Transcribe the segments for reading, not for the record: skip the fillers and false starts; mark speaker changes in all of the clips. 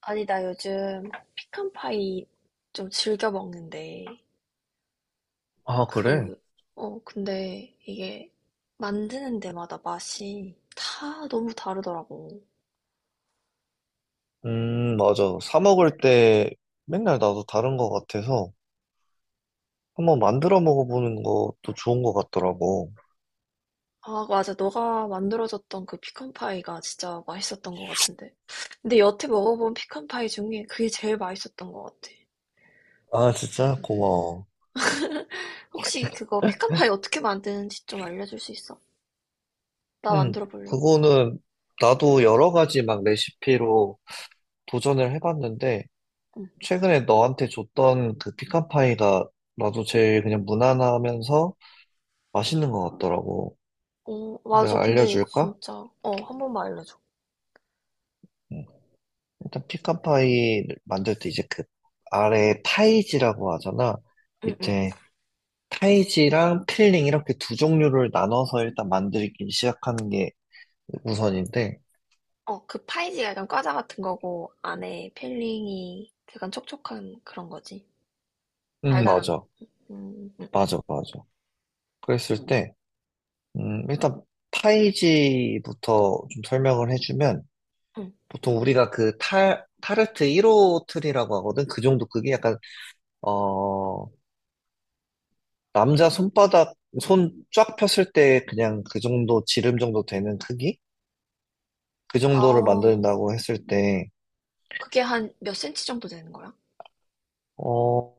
Speaker 1: 아니, 나 요즘 피칸파이 좀 즐겨 먹는데,
Speaker 2: 아, 그래?
Speaker 1: 그, 근데 이게 만드는 데마다 맛이 다 너무 다르더라고.
Speaker 2: 맞아. 사 먹을 때 맨날 나도 다른 거 같아서 한번 만들어 먹어보는 것도 좋은 거 같더라고.
Speaker 1: 아, 맞아. 너가 만들어줬던 그 피칸파이가 진짜 맛있었던 것 같은데. 근데 여태 먹어본 피칸파이 중에 그게 제일 맛있었던 것 같아.
Speaker 2: 아, 진짜? 고마워.
Speaker 1: 혹시 그거 피칸파이 어떻게 만드는지 좀 알려줄 수 있어? 나
Speaker 2: 음,
Speaker 1: 만들어 보려고.
Speaker 2: 그거는 나도 여러 가지 막 레시피로 도전을 해봤는데
Speaker 1: 응.
Speaker 2: 최근에 너한테 줬던 그 피칸파이가 나도 제일 그냥 무난하면서 맛있는 거 같더라고.
Speaker 1: 맞아.
Speaker 2: 내가
Speaker 1: 근데
Speaker 2: 알려줄까?
Speaker 1: 진짜, 어, 한 번만 알려줘.
Speaker 2: 음, 일단 피칸파이 만들 때 이제 그 아래 파이지라고 하잖아.
Speaker 1: 응, 응.
Speaker 2: 밑에 타이지랑 필링 이렇게 두 종류를 나눠서 일단 만들기 시작하는 게 우선인데,
Speaker 1: 어, 그 파이지가 약간 과자 같은 거고, 안에 필링이 약간 촉촉한 그런 거지. 달달한
Speaker 2: 맞아.
Speaker 1: 거. 음, 음,
Speaker 2: 맞아, 맞아. 그랬을 때, 일단 타이지부터 좀 설명을 해주면,
Speaker 1: 음.
Speaker 2: 보통 우리가 그 타 타르트 1호 틀이라고 하거든? 그 정도 크기? 약간, 어, 남자 손바닥, 손 쫙 폈을 때 그냥 그 정도, 지름 정도 되는 크기? 그 정도를
Speaker 1: 아,
Speaker 2: 만든다고 했을 때,
Speaker 1: 그게 한 몇 센치 정도 되는 거야?
Speaker 2: 어,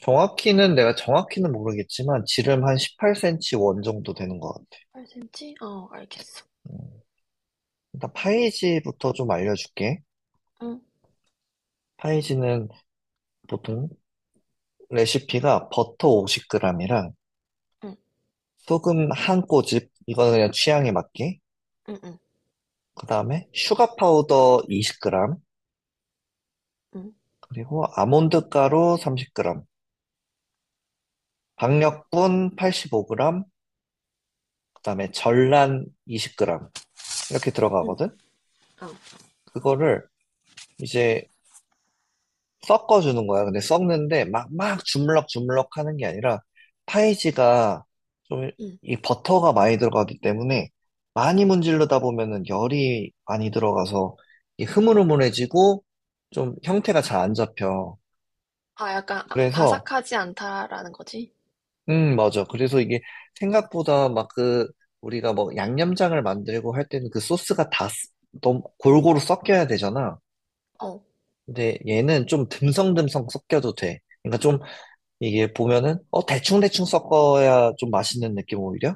Speaker 2: 정확히는 모르겠지만 지름 한 18cm 원 정도 되는 것 같아.
Speaker 1: 8cm? 어, 알겠어.
Speaker 2: 음, 일단 파이지부터 좀 알려줄게.
Speaker 1: 응,
Speaker 2: 파이지는 보통 레시피가 버터 50g이랑
Speaker 1: 응,
Speaker 2: 소금 한 꼬집, 이거는 그냥 취향에 맞게.
Speaker 1: 응, 응,
Speaker 2: 그 다음에 슈가 파우더 20g,
Speaker 1: 응,
Speaker 2: 그리고 아몬드 가루 30g,
Speaker 1: 응,
Speaker 2: 박력분 85g, 그 다음에 전란 20g 이렇게
Speaker 1: 응,
Speaker 2: 들어가거든.
Speaker 1: 어,
Speaker 2: 그거를 이제 섞어주는 거야. 근데 섞는데 막 주물럭 주물럭 하는 게 아니라 파이지가 좀
Speaker 1: 응.
Speaker 2: 이 버터가 많이 들어가기 때문에 많이 문지르다 보면은 열이 많이 들어가서 이 흐물흐물해지고 좀 형태가 잘 안 잡혀.
Speaker 1: 아, 약간
Speaker 2: 그래서,
Speaker 1: 바삭하지 않다라는 거지?
Speaker 2: 맞아. 그래서 이게 생각보다 막 그, 우리가 뭐 양념장을 만들고 할 때는 그 소스가 너무 골고루 섞여야 되잖아.
Speaker 1: 어,
Speaker 2: 근데 얘는 좀 듬성듬성 섞여도 돼. 그러니까 좀 이게 보면은, 대충대충 섞어야 좀 맛있는 느낌 오히려?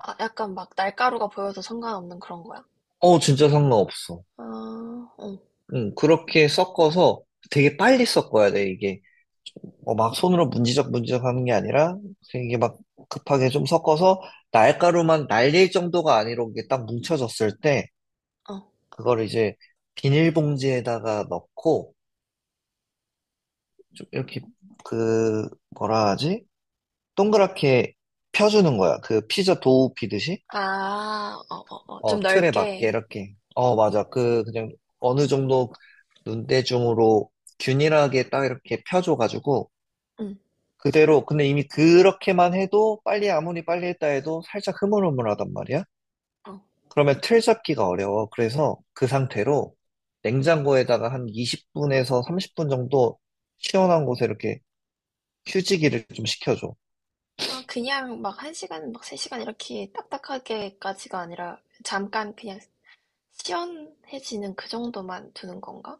Speaker 1: 아, 약간 막 날가루가 보여서 상관없는 그런 거야?
Speaker 2: 어, 진짜 상관없어.
Speaker 1: 아, 어,
Speaker 2: 응, 그렇게 섞어서 되게 빨리 섞어야 돼, 이게. 막 손으로 문지적 문지적 하는 게 아니라, 이게 막 급하게 좀 섞어서 날가루만 날릴 정도가 아니라 이게 딱 뭉쳐졌을 때,
Speaker 1: 어.
Speaker 2: 그걸 이제 비닐봉지에다가 넣고, 좀 이렇게, 그, 뭐라 하지? 동그랗게 펴주는 거야. 그 피자 도우 피듯이.
Speaker 1: 아, 어, 어, 어. 좀
Speaker 2: 틀에 맞게
Speaker 1: 넓게.
Speaker 2: 이렇게. 어, 맞아. 그냥 어느 정도 눈대중으로 균일하게 딱 이렇게 펴줘가지고,
Speaker 1: 응,
Speaker 2: 그대로, 근데 이미 그렇게만 해도 빨리 아무리 빨리 했다 해도 살짝 흐물흐물하단 말이야?
Speaker 1: 어.
Speaker 2: 그러면 틀 잡기가 어려워. 그래서 그 상태로 냉장고에다가 한 20분에서 30분 정도 시원한 곳에 이렇게 휴지기를 좀 시켜줘.
Speaker 1: 아, 그냥 막 1시간, 막 3시간 이렇게 딱딱하게까지가 아니라 잠깐 그냥 시원해지는 그 정도만 두는 건가?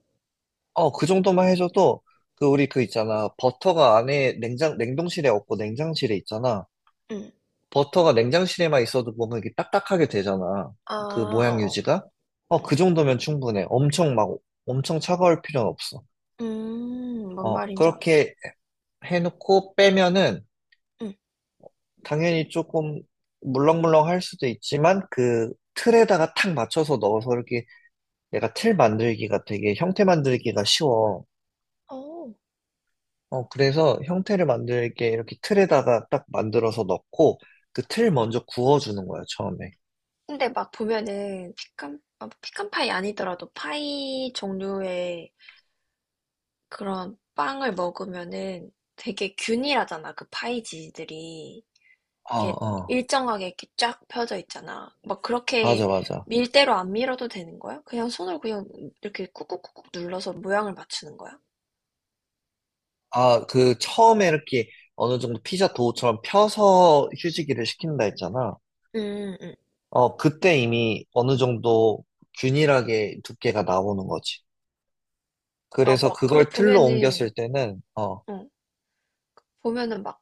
Speaker 2: 그 정도만 해줘도 그 우리 그 있잖아. 버터가 안에 냉동실에 없고 냉장실에 있잖아.
Speaker 1: 응.
Speaker 2: 버터가 냉장실에만 있어도 보면 이게 딱딱하게 되잖아.
Speaker 1: 아,
Speaker 2: 그 모양
Speaker 1: 어어.
Speaker 2: 유지가. 어,
Speaker 1: 응.
Speaker 2: 그 정도면 충분해. 엄청 막, 엄청 차가울 필요는 없어.
Speaker 1: 뭔 말인지 알았어.
Speaker 2: 그렇게 해놓고 빼면은
Speaker 1: 응.
Speaker 2: 당연히 조금 물렁물렁 할 수도 있지만 그 틀에다가 탁 맞춰서 넣어서 이렇게 내가 틀 만들기가 되게 형태 만들기가 쉬워.
Speaker 1: 어.
Speaker 2: 그래서 형태를 만들게 이렇게 틀에다가 딱 만들어서 넣고 그 틀 먼저 구워주는 거야, 처음에.
Speaker 1: 근데 막 보면은 피칸 파이 아니더라도 파이 종류의 그런 빵을 먹으면은 되게 균일하잖아, 그 파이지들이.
Speaker 2: 어,
Speaker 1: 이렇게
Speaker 2: 어.
Speaker 1: 일정하게 이렇게 쫙 펴져 있잖아. 막
Speaker 2: 맞아,
Speaker 1: 그렇게
Speaker 2: 맞아.
Speaker 1: 밀대로 안 밀어도 되는 거야? 그냥 손으로 그냥 이렇게 꾹꾹꾹꾹 눌러서 모양을 맞추는 거야?
Speaker 2: 아, 그 처음에 이렇게 어느 정도 피자 도우처럼 펴서 휴지기를 시킨다 했잖아.
Speaker 1: 음, 음.
Speaker 2: 그때 이미 어느 정도 균일하게 두께가 나오는 거지.
Speaker 1: 아,
Speaker 2: 그래서
Speaker 1: 막, 근데
Speaker 2: 그걸 틀로 옮겼을 때는,
Speaker 1: 어, 보면은 막,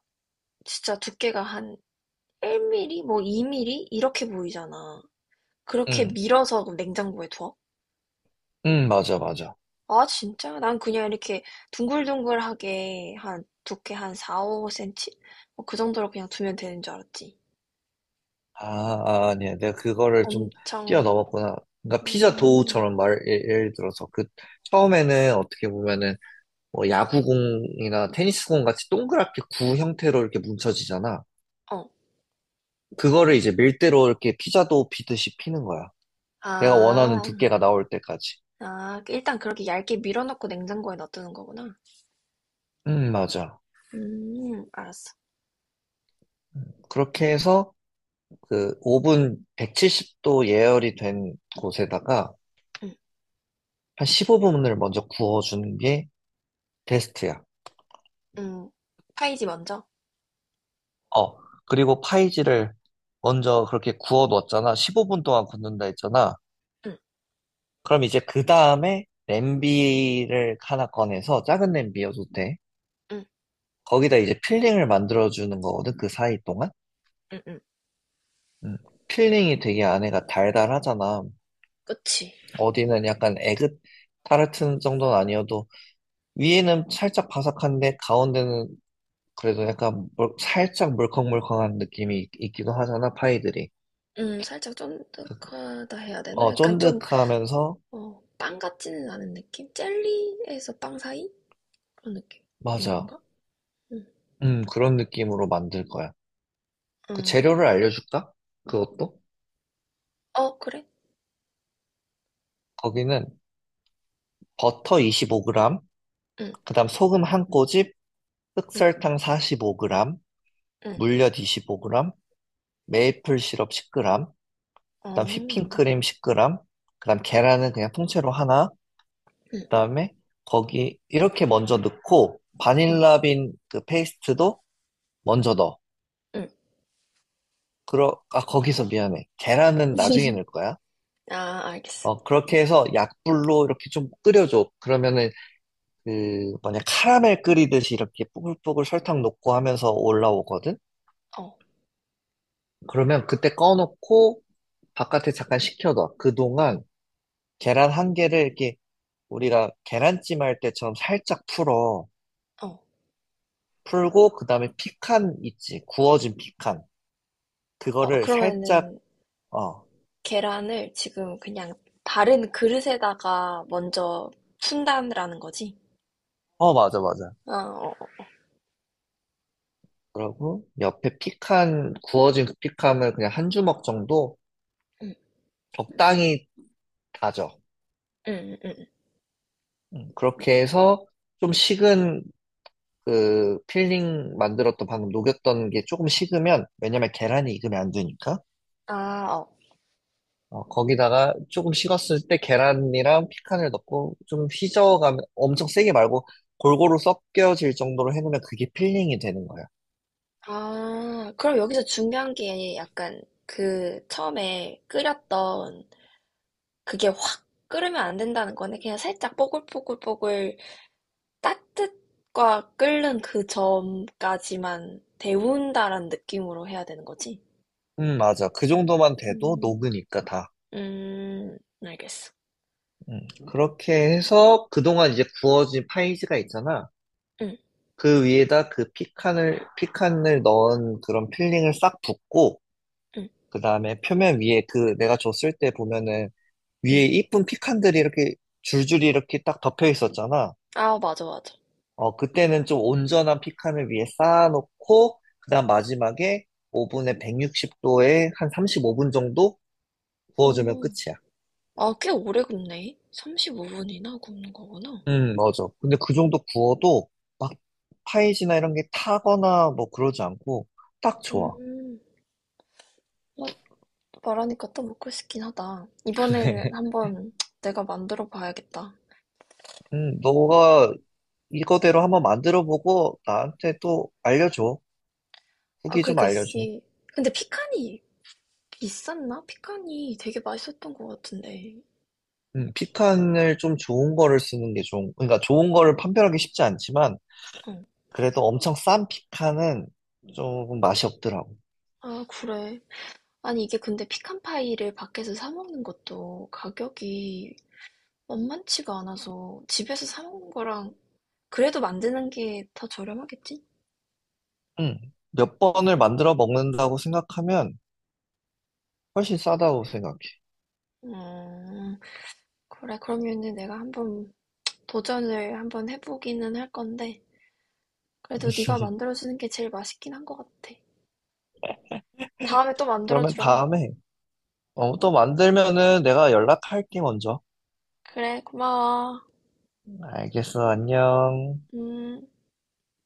Speaker 1: 진짜 두께가 한 1mm? 뭐 2mm? 이렇게 보이잖아. 그렇게
Speaker 2: 응,
Speaker 1: 밀어서 냉장고에 둬?
Speaker 2: 응, 맞아, 맞아.
Speaker 1: 아, 진짜? 난 그냥 이렇게 둥글둥글하게 한, 두께 한 4, 5cm? 그 정도로 그냥 두면 되는 줄 알았지.
Speaker 2: 아, 아니야. 내가 그거를 좀
Speaker 1: 엄청,
Speaker 2: 뛰어넘었구나. 그러니까 피자
Speaker 1: 음,
Speaker 2: 도우처럼 예를 들어서 그 처음에는 어떻게 보면은 뭐 야구공이나 테니스공 같이 동그랗게 구 형태로 이렇게 뭉쳐지잖아.
Speaker 1: 어.
Speaker 2: 그거를 이제 밀대로 이렇게 피자도 비듯이 피는 거야. 내가 원하는
Speaker 1: 아,
Speaker 2: 두께가 나올 때까지.
Speaker 1: 일단 그렇게 얇게 밀어넣고 냉장고에 넣어두는 거구나.
Speaker 2: 맞아.
Speaker 1: 알았어.
Speaker 2: 그렇게 해서 그 오븐 170도 예열이 된 곳에다가
Speaker 1: 응,
Speaker 2: 한 15분을 먼저 구워주는 게 베스트야.
Speaker 1: 응. 파이지 먼저.
Speaker 2: 어, 그리고 파이지를 먼저 그렇게 구워 놓았잖아. 15분 동안 굽는다 했잖아.
Speaker 1: 응,
Speaker 2: 그럼 이제 그 다음에 냄비를 하나 꺼내서 작은 냄비여도 돼.
Speaker 1: 응,
Speaker 2: 거기다 이제 필링을 만들어주는 거거든, 그 사이 동안.
Speaker 1: 응, 응.
Speaker 2: 음, 필링이 되게 안에가 달달하잖아.
Speaker 1: 그치.
Speaker 2: 어디는 약간 에그 타르트 정도는 아니어도 위에는 살짝 바삭한데 가운데는 그래도 약간 살짝 물컹물컹한 느낌이 있기도 하잖아, 파이들이.
Speaker 1: 살짝 쫀득하다 해야 되나?
Speaker 2: 어,
Speaker 1: 약간 좀,
Speaker 2: 쫀득하면서
Speaker 1: 어, 빵 같지는 않은 느낌? 젤리에서 빵 사이? 그런 느낌인
Speaker 2: 맞아.
Speaker 1: 건가? 응,
Speaker 2: 그런 느낌으로 만들 거야. 그
Speaker 1: 응.
Speaker 2: 재료를 알려줄까? 그것도?
Speaker 1: 어, 그래?
Speaker 2: 거기는 버터 25g,
Speaker 1: 응,
Speaker 2: 그다음 소금 한 꼬집,
Speaker 1: 응,
Speaker 2: 흑설탕 45g,
Speaker 1: 응.
Speaker 2: 물엿 25g, 메이플 시럽 10g, 그다음
Speaker 1: 어,
Speaker 2: 휘핑크림 10g, 그다음 계란은 그냥 통째로 하나,
Speaker 1: 응,
Speaker 2: 그다음에 거기 이렇게 먼저 넣고
Speaker 1: 응,
Speaker 2: 바닐라빈 그 페이스트도 먼저 넣어.
Speaker 1: 응.
Speaker 2: 그러 아 거기서 미안해. 계란은 나중에 넣을 거야.
Speaker 1: 아, 알겠어.
Speaker 2: 그렇게 해서 약불로 이렇게 좀 끓여줘. 그러면은 그 뭐냐 카라멜 끓이듯이 이렇게 뽀글뽀글 설탕 녹고 하면서 올라오거든.
Speaker 1: 어,
Speaker 2: 그러면 그때 꺼놓고 바깥에 잠깐 식혀둬. 그동안 계란 한 개를 이렇게 우리가 계란찜 할 때처럼 살짝 풀어.
Speaker 1: 어.
Speaker 2: 풀고, 그 다음에 피칸 있지. 구워진 피칸.
Speaker 1: 어,
Speaker 2: 그거를 살짝,
Speaker 1: 그러면은,
Speaker 2: 어,
Speaker 1: 계란을 지금 그냥 다른 그릇에다가 먼저 푼다라는 거지?
Speaker 2: 어, 맞아, 맞아.
Speaker 1: 아, 어, 어.
Speaker 2: 그러고, 구워진 그 피칸을 그냥 한 주먹 정도
Speaker 1: 음,
Speaker 2: 적당히 다져.
Speaker 1: 응. 응.
Speaker 2: 그렇게 해서 좀 식은 그 필링 만들었던 방금 녹였던 게 조금 식으면, 왜냐면 계란이 익으면 안 되니까.
Speaker 1: 아, 어.
Speaker 2: 거기다가 조금 식었을 때 계란이랑 피칸을 넣고 좀 휘저어가면 엄청 세게 말고 골고루 섞여질 정도로 해놓으면 그게 필링이 되는 거야.
Speaker 1: 아, 그럼 여기서 중요한 게 약간 그 처음에 끓였던 그게 확 끓으면 안 된다는 거네. 그냥 살짝 뽀글뽀글뽀글 따뜻과 끓는 그 점까지만 데운다라는 느낌으로 해야 되는 거지?
Speaker 2: 맞아. 그 정도만 돼도
Speaker 1: 음,
Speaker 2: 녹으니까 다.
Speaker 1: 음, 알겠어.
Speaker 2: 그렇게 해서 그동안 이제 구워진 파이지가 있잖아.
Speaker 1: 응,
Speaker 2: 그 위에다 그 피칸을 넣은 그런 필링을 싹 붓고,
Speaker 1: 응,
Speaker 2: 그 다음에 표면 위에 그 내가 줬을 때 보면은
Speaker 1: 응.
Speaker 2: 위에 이쁜 피칸들이 이렇게 줄줄이 이렇게 딱 덮여 있었잖아.
Speaker 1: 아, 맞아, 맞아.
Speaker 2: 어, 그때는 좀 온전한 피칸을 위에 쌓아놓고, 그 다음 마지막에 오븐에 160도에 한 35분 정도 구워주면
Speaker 1: 어.
Speaker 2: 끝이야.
Speaker 1: 아, 꽤 오래 굽네. 35분이나 굽는 거구나.
Speaker 2: 맞아. 근데 그 정도 구워도 막 파이지나 이런 게 타거나 뭐 그러지 않고 딱 좋아.
Speaker 1: 음, 나 말하니까 또 먹고 싶긴 하다. 이번에는 한번 내가 만들어 봐야겠다.
Speaker 2: 너가 이거대로 한번 만들어보고 나한테 또 알려줘.
Speaker 1: 아,
Speaker 2: 후기 좀
Speaker 1: 그러니까
Speaker 2: 알려줘.
Speaker 1: 이게 근데 피칸이 비쌌나? 피칸이 되게 맛있었던 것 같은데.
Speaker 2: 피칸을 좀 좋은 거를 쓰는 게 좋은, 그러니까 좋은 거를 판별하기 쉽지 않지만,
Speaker 1: 응.
Speaker 2: 그래도 엄청 싼 피카는 조금 맛이 없더라고.
Speaker 1: 아, 그래. 아니, 이게 근데 피칸 파이를 밖에서 사 먹는 것도 가격이 만만치가 않아서 집에서 사 먹는 거랑 그래도 만드는 게 더 저렴하겠지?
Speaker 2: 응. 몇 번을 만들어 먹는다고 생각하면 훨씬 싸다고 생각해.
Speaker 1: 음, 그래. 그러면은 내가 한번 도전을 한번 해보기는 할 건데, 그래도 네가 만들어주는 게 제일 맛있긴 한 것 같아. 다음에 또
Speaker 2: 그러면
Speaker 1: 만들어주라.
Speaker 2: 다음에 또 만들면은 내가 연락할게 먼저.
Speaker 1: 그래, 고마워.
Speaker 2: 알겠어, 안녕.
Speaker 1: 음.